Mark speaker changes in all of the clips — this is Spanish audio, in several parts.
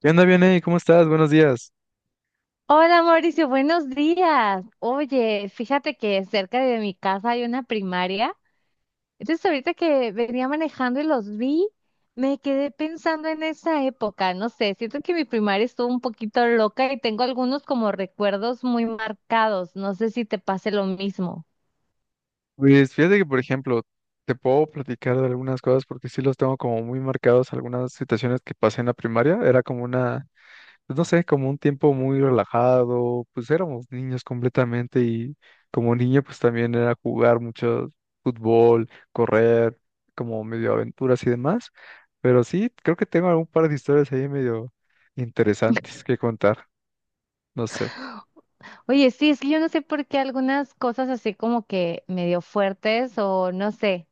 Speaker 1: ¿Qué onda, Vianey? ¿Cómo estás? Buenos días.
Speaker 2: Hola Mauricio, buenos días. Oye, fíjate que cerca de mi casa hay una primaria. Entonces ahorita que venía manejando y los vi, me quedé pensando en esa época. No sé, siento que mi primaria estuvo un poquito loca y tengo algunos como recuerdos muy marcados. No sé si te pase lo mismo.
Speaker 1: Pues fíjate que, por ejemplo, te puedo platicar de algunas cosas porque sí los tengo como muy marcados, algunas situaciones que pasé en la primaria. Era como pues, no sé, como un tiempo muy relajado, pues éramos niños completamente y como niño pues también era jugar mucho fútbol, correr, como medio aventuras y demás. Pero sí, creo que tengo algún par de historias ahí medio interesantes que contar, no sé.
Speaker 2: Oye, sí, es que yo no sé por qué algunas cosas así como que medio fuertes o no sé,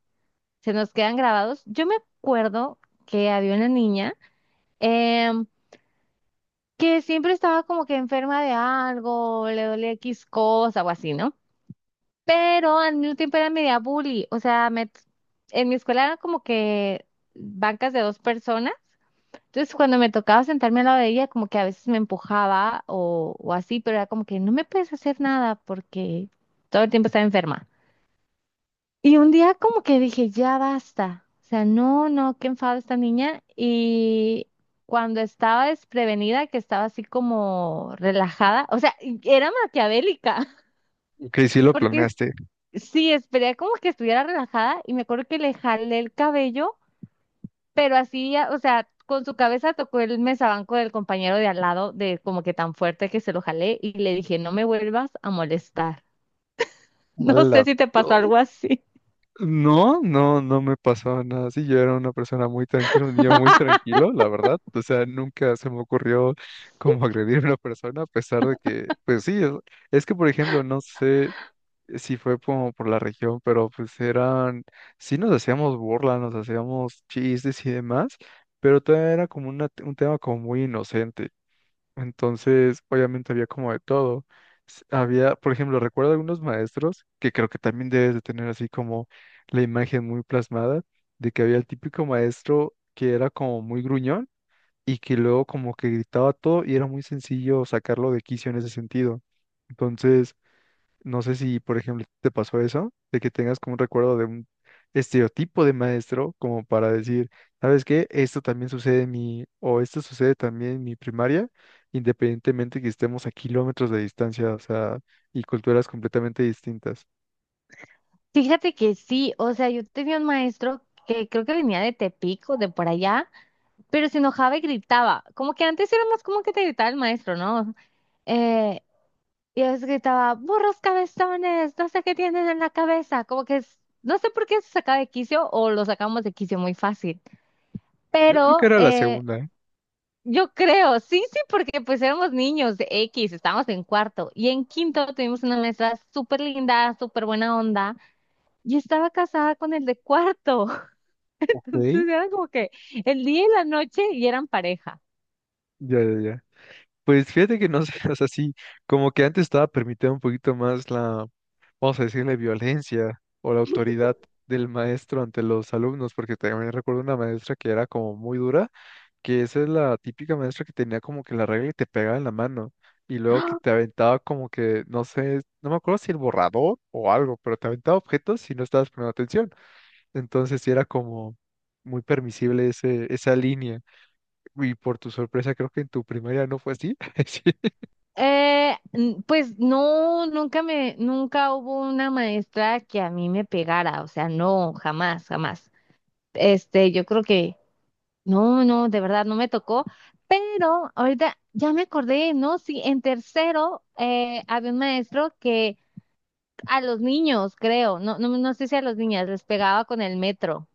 Speaker 2: se nos quedan grabados. Yo me acuerdo que había una niña. em, que siempre estaba como que enferma de algo, le dolía X cosa o así, ¿no? Pero al mismo tiempo era media bully, o sea, me, en mi escuela eran como que bancas de dos personas, entonces cuando me tocaba sentarme al lado de ella, como que a veces me empujaba o así, pero era como que no me puedes hacer nada porque todo el tiempo estaba enferma. Y un día como que dije, ya basta. O sea, no, no, qué enfado esta niña. Y cuando estaba desprevenida, que estaba así como relajada, o sea, y era maquiavélica.
Speaker 1: Que sí lo
Speaker 2: porque es-
Speaker 1: planeaste.
Speaker 2: sí, esperé como que estuviera relajada y me acuerdo que le jalé el cabello, pero así, o sea, con su cabeza tocó el mesabanco del compañero de al lado, de como que tan fuerte que se lo jalé y le dije, no me vuelvas a molestar. No
Speaker 1: ¡Hala!
Speaker 2: sé si te pasó algo así.
Speaker 1: No, no, no me pasó nada así. Yo era una persona muy tranquila, un niño muy tranquilo, la verdad. O sea, nunca se me ocurrió como agredir a una persona, a pesar de que, pues sí, es que, por ejemplo, no sé si fue como por la región, pero sí nos hacíamos burla, nos hacíamos chistes y demás, pero todavía era como un tema como muy inocente. Entonces, obviamente había como de todo. Había, por ejemplo, recuerdo algunos maestros que creo que también debes de tener así como la imagen muy plasmada de que había el típico maestro que era como muy gruñón y que luego como que gritaba todo y era muy sencillo sacarlo de quicio en ese sentido. Entonces, no sé si, por ejemplo, te pasó eso, de que tengas como un recuerdo de un estereotipo de maestro, como para decir, ¿sabes qué? Esto también sucede en mi, o esto sucede también en mi primaria, independientemente que estemos a kilómetros de distancia, o sea, y culturas completamente distintas.
Speaker 2: Fíjate que sí, o sea, yo tenía un maestro que creo que venía de Tepic o de por allá, pero se enojaba y gritaba. Como que antes era más como que te gritaba el maestro, ¿no? Eh, y a veces gritaba, burros cabezones, no sé qué tienen en la cabeza. No sé por qué se sacaba de quicio o lo sacamos de quicio muy fácil.
Speaker 1: Yo creo que
Speaker 2: Pero
Speaker 1: era la segunda, ¿eh?
Speaker 2: yo creo, sí, sí, porque pues éramos niños de X, estábamos en cuarto. Y en quinto tuvimos una maestra súper linda, súper buena onda. Y estaba casada con el de cuarto.
Speaker 1: Ok.
Speaker 2: Entonces eran como que el día y la noche y eran pareja.
Speaker 1: Ya, ya, ya. Pues fíjate que no sé, o sea, sí, como que antes estaba permitido un poquito más la, vamos a decirle, violencia o la autoridad del maestro ante los alumnos, porque también recuerdo una maestra que era como muy dura, que esa es la típica maestra que tenía como que la regla y te pegaba en la mano, y luego que
Speaker 2: ¡Ah!
Speaker 1: te aventaba como que, no sé, no me acuerdo si el borrador o algo, pero te aventaba objetos si no estabas poniendo atención. Entonces sí era como muy permisible ese, esa línea, y por tu sorpresa creo que en tu primaria no fue así. Sí,
Speaker 2: Pues no, nunca me, nunca hubo una maestra que a mí me pegara, o sea, no, jamás, jamás. Este, yo creo que no, no, de verdad no me tocó, pero ahorita ya me acordé, ¿no? Sí, en tercero había un maestro que a los niños, creo, no, no, no sé si a los niñas les pegaba con el metro,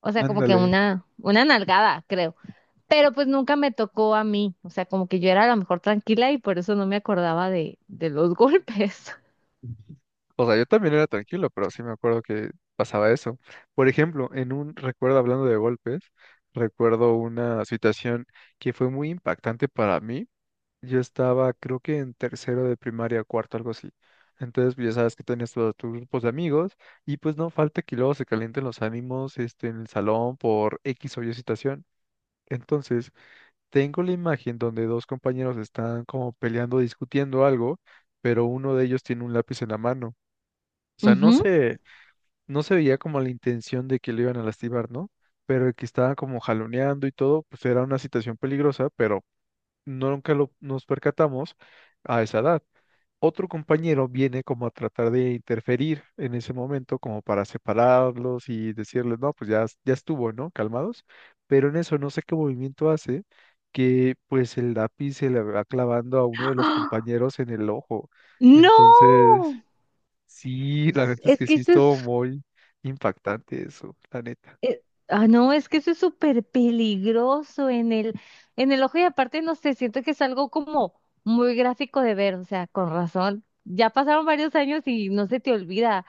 Speaker 2: o sea, como que
Speaker 1: ándale.
Speaker 2: una nalgada, creo. Pero pues nunca me tocó a mí, o sea, como que yo era a lo mejor tranquila y por eso no me acordaba de los golpes.
Speaker 1: O sea, yo también era tranquilo, pero sí me acuerdo que pasaba eso. Por ejemplo, en un recuerdo hablando de golpes, recuerdo una situación que fue muy impactante para mí. Yo estaba, creo que en tercero de primaria, cuarto, algo así. Entonces, pues, ya sabes que tenías todos tus grupos de amigos y pues no falta que luego se calienten los ánimos, este, en el salón por X o Y situación. Entonces, tengo la imagen donde dos compañeros están como peleando, discutiendo algo, pero uno de ellos tiene un lápiz en la mano. O sea, no
Speaker 2: Ujú.
Speaker 1: sé, no se veía como la intención de que le iban a lastimar, ¿no? Pero el que estaban como jaloneando y todo, pues era una situación peligrosa, pero nunca lo, nos percatamos a esa edad. Otro compañero viene como a tratar de interferir en ese momento, como para separarlos y decirles, no, pues ya, ya estuvo, ¿no? Calmados. Pero en eso no sé qué movimiento hace, que pues el lápiz se le va clavando a uno de los
Speaker 2: ¡Ah!
Speaker 1: compañeros en el ojo.
Speaker 2: ¡No!
Speaker 1: Entonces. Sí, la
Speaker 2: Es,
Speaker 1: neta es
Speaker 2: es
Speaker 1: que
Speaker 2: que
Speaker 1: sí
Speaker 2: eso es,
Speaker 1: estuvo muy impactante eso, la neta.
Speaker 2: eh, no, es que eso es súper peligroso en el ojo y aparte, no sé, siento que es algo como muy gráfico de ver, o sea, con razón. Ya pasaron varios años y no se te olvida,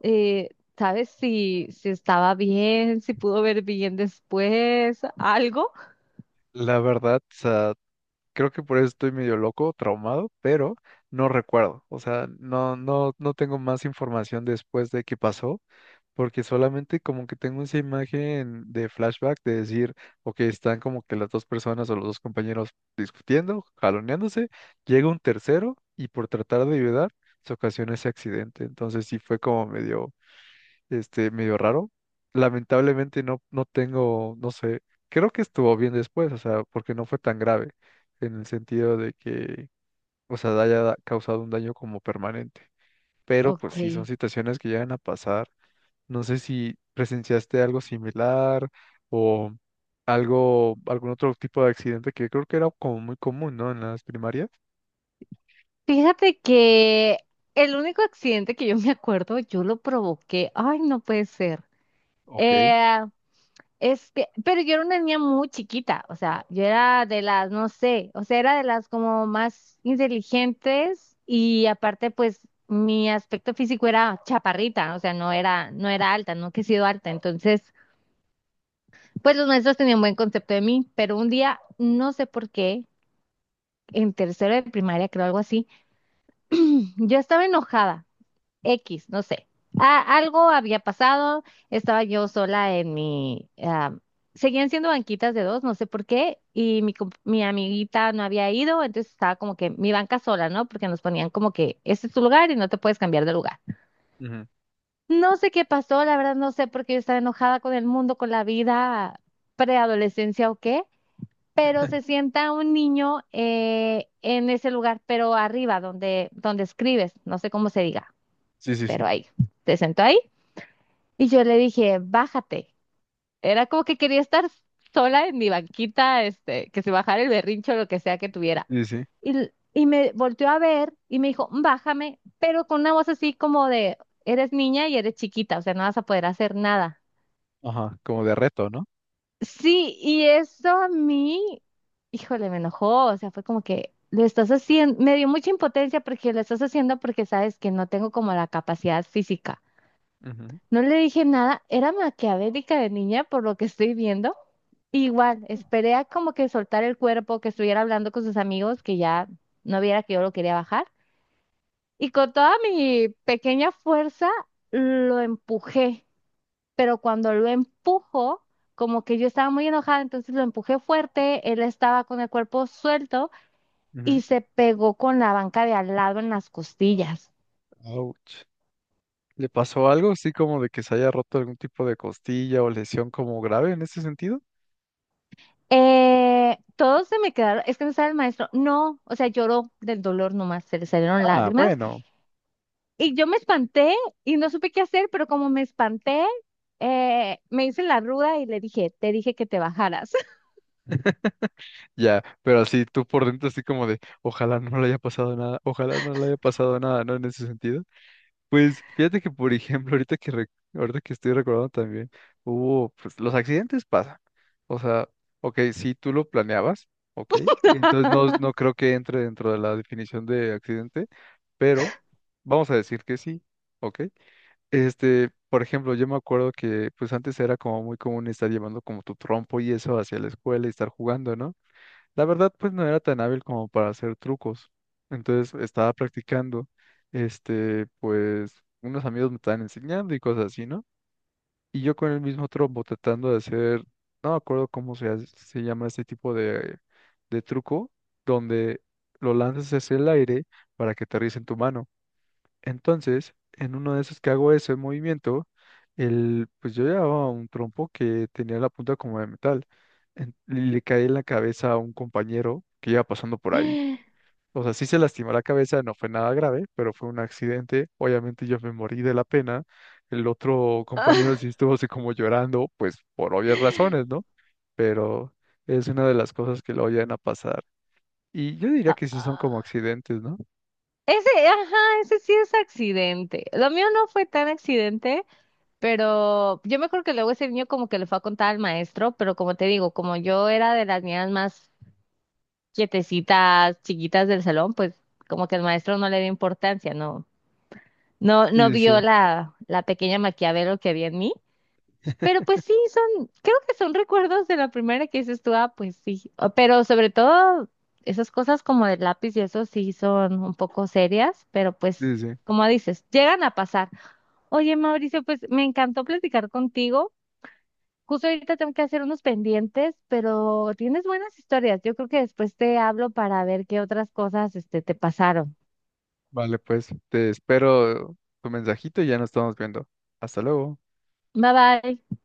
Speaker 2: eh, ¿sabes si, si estaba bien, si pudo ver bien después, algo?
Speaker 1: La verdad, o sea, creo que por eso estoy medio loco, traumado, pero no recuerdo. O sea, no, no, no tengo más información después de qué pasó, porque solamente como que tengo esa imagen de flashback de decir, ok, están como que las dos personas o los dos compañeros discutiendo, jaloneándose, llega un tercero y por tratar de ayudar, se ocasiona ese accidente. Entonces sí fue como medio, este, medio raro. Lamentablemente no, no tengo, no sé, creo que estuvo bien después, o sea, porque no fue tan grave en el sentido de que, o sea, causado un daño como permanente. Pero pues
Speaker 2: Ok.
Speaker 1: sí, son situaciones que llegan a pasar. No sé si presenciaste algo similar o algo, algún otro tipo de accidente que creo que era como muy común, ¿no? En las primarias.
Speaker 2: Fíjate que el único accidente que yo me acuerdo, yo lo provoqué. Ay, no puede ser.
Speaker 1: Ok.
Speaker 2: Eh, es que, pero yo era una niña muy chiquita, o sea, yo era de las, no sé, o sea, era de las como más inteligentes y aparte, pues, mi aspecto físico era chaparrita, o sea, no era, no era alta, nunca he sido alta, entonces, pues los maestros tenían buen concepto de mí, pero un día, no sé por qué, en tercero de primaria, creo algo así, yo estaba enojada. X, no sé. Algo había pasado, estaba yo sola en mi... ah, seguían siendo banquitas de dos, no sé por qué, y mi amiguita no había ido, entonces estaba como que mi banca sola, ¿no? Porque nos ponían como que este es tu lugar y no te puedes cambiar de lugar.
Speaker 1: Ujú.
Speaker 2: No sé qué pasó, la verdad no sé por qué yo estaba enojada con el mundo, con la vida, preadolescencia o qué, pero se sienta un niño en ese lugar, pero arriba, donde, donde escribes, no sé cómo se diga,
Speaker 1: Sí, sí,
Speaker 2: pero
Speaker 1: sí.
Speaker 2: ahí. Se sentó ahí y yo le dije, bájate. Era como que quería estar sola en mi banquita, este, que se bajara el berrincho o lo que sea que tuviera.
Speaker 1: Sí, sí.
Speaker 2: Y, y me volteó a ver y me dijo, bájame, pero con una voz así como de, eres niña y eres chiquita, o sea, no vas a poder hacer nada.
Speaker 1: Ajá, como de reto, ¿no?
Speaker 2: Sí, y eso a mí, híjole, me enojó, o sea, fue como que lo estás haciendo, me dio mucha impotencia porque lo estás haciendo porque sabes que no tengo como la capacidad física.
Speaker 1: Ujú,
Speaker 2: No le dije nada, era maquiavélica de niña por lo que estoy viendo. Igual, esperé a como que soltar el cuerpo, que estuviera hablando con sus amigos, que ya no viera que yo lo quería bajar. Y con toda mi pequeña fuerza lo empujé, pero cuando lo empujo, como que yo estaba muy enojada, entonces lo empujé fuerte, él estaba con el cuerpo suelto
Speaker 1: ujú.
Speaker 2: y se pegó con la banca de al lado en las costillas.
Speaker 1: Ouch. ¿Le pasó algo así como de que se haya roto algún tipo de costilla o lesión como grave en ese sentido?
Speaker 2: Todos se me quedaron, es que me sabe el maestro, no, o sea, lloró del dolor nomás, se le salieron
Speaker 1: Ah,
Speaker 2: lágrimas
Speaker 1: bueno,
Speaker 2: y yo me espanté y no supe qué hacer, pero como me espanté, me hice la ruda y le dije, te dije que te bajaras.
Speaker 1: ya, pero así tú por dentro así como de, ojalá no le haya pasado nada, ojalá no le haya pasado nada, ¿no? En ese sentido. Pues fíjate que, por ejemplo, ahorita que estoy recordando también, hubo, pues los accidentes pasan. O sea, ok, si tú lo planeabas, ok, entonces no, no creo que entre dentro de la definición de accidente, pero vamos a decir que sí, ok. Este, por ejemplo, yo me acuerdo que pues antes era como muy común estar llevando como tu trompo y eso hacia la escuela y estar jugando, ¿no? La verdad, pues no era tan hábil como para hacer trucos. Entonces estaba practicando, este, pues unos amigos me estaban enseñando y cosas así, ¿no? Y yo con el mismo trompo tratando de hacer, no me acuerdo cómo se llama este tipo de truco, donde lo lanzas hacia el aire para que aterrice en tu mano. Entonces, en uno de esos que hago ese movimiento, el, pues yo llevaba un trompo que tenía la punta como de metal. Y le caí en la cabeza a un compañero que iba pasando por ahí. O sea, sí se lastimó la cabeza, no fue nada grave, pero fue un accidente. Obviamente yo me morí de la pena. El otro compañero
Speaker 2: Ah,
Speaker 1: sí estuvo así como llorando, pues por obvias razones, ¿no? Pero es una de las cosas que lo llegan a pasar. Y yo diría que sí son como
Speaker 2: ah.
Speaker 1: accidentes, ¿no?
Speaker 2: Ese, ajá, ese sí es accidente. Lo mío no fue tan accidente, pero yo me acuerdo que luego ese niño como que le fue a contar al maestro, pero como te digo, como yo era de las niñas más quietecitas, chiquitas del salón, pues como que el maestro no le dio importancia, no, no, no
Speaker 1: Sí, sí, sí.
Speaker 2: vio la, la pequeña Maquiavelo que había en mí. Pero pues sí, son, creo que son recuerdos de la primera que dices tú, ah, pues sí. Pero sobre todo, esas cosas como del lápiz y eso sí son un poco serias, pero pues,
Speaker 1: Sí, sí. Sí.
Speaker 2: como dices, llegan a pasar. Oye, Mauricio, pues me encantó platicar contigo. Justo ahorita tengo que hacer unos pendientes, pero tienes buenas historias. Yo creo que después te hablo para ver qué otras cosas, este, te pasaron.
Speaker 1: Vale, pues te espero tu mensajito y ya nos estamos viendo. Hasta luego.
Speaker 2: Bye bye.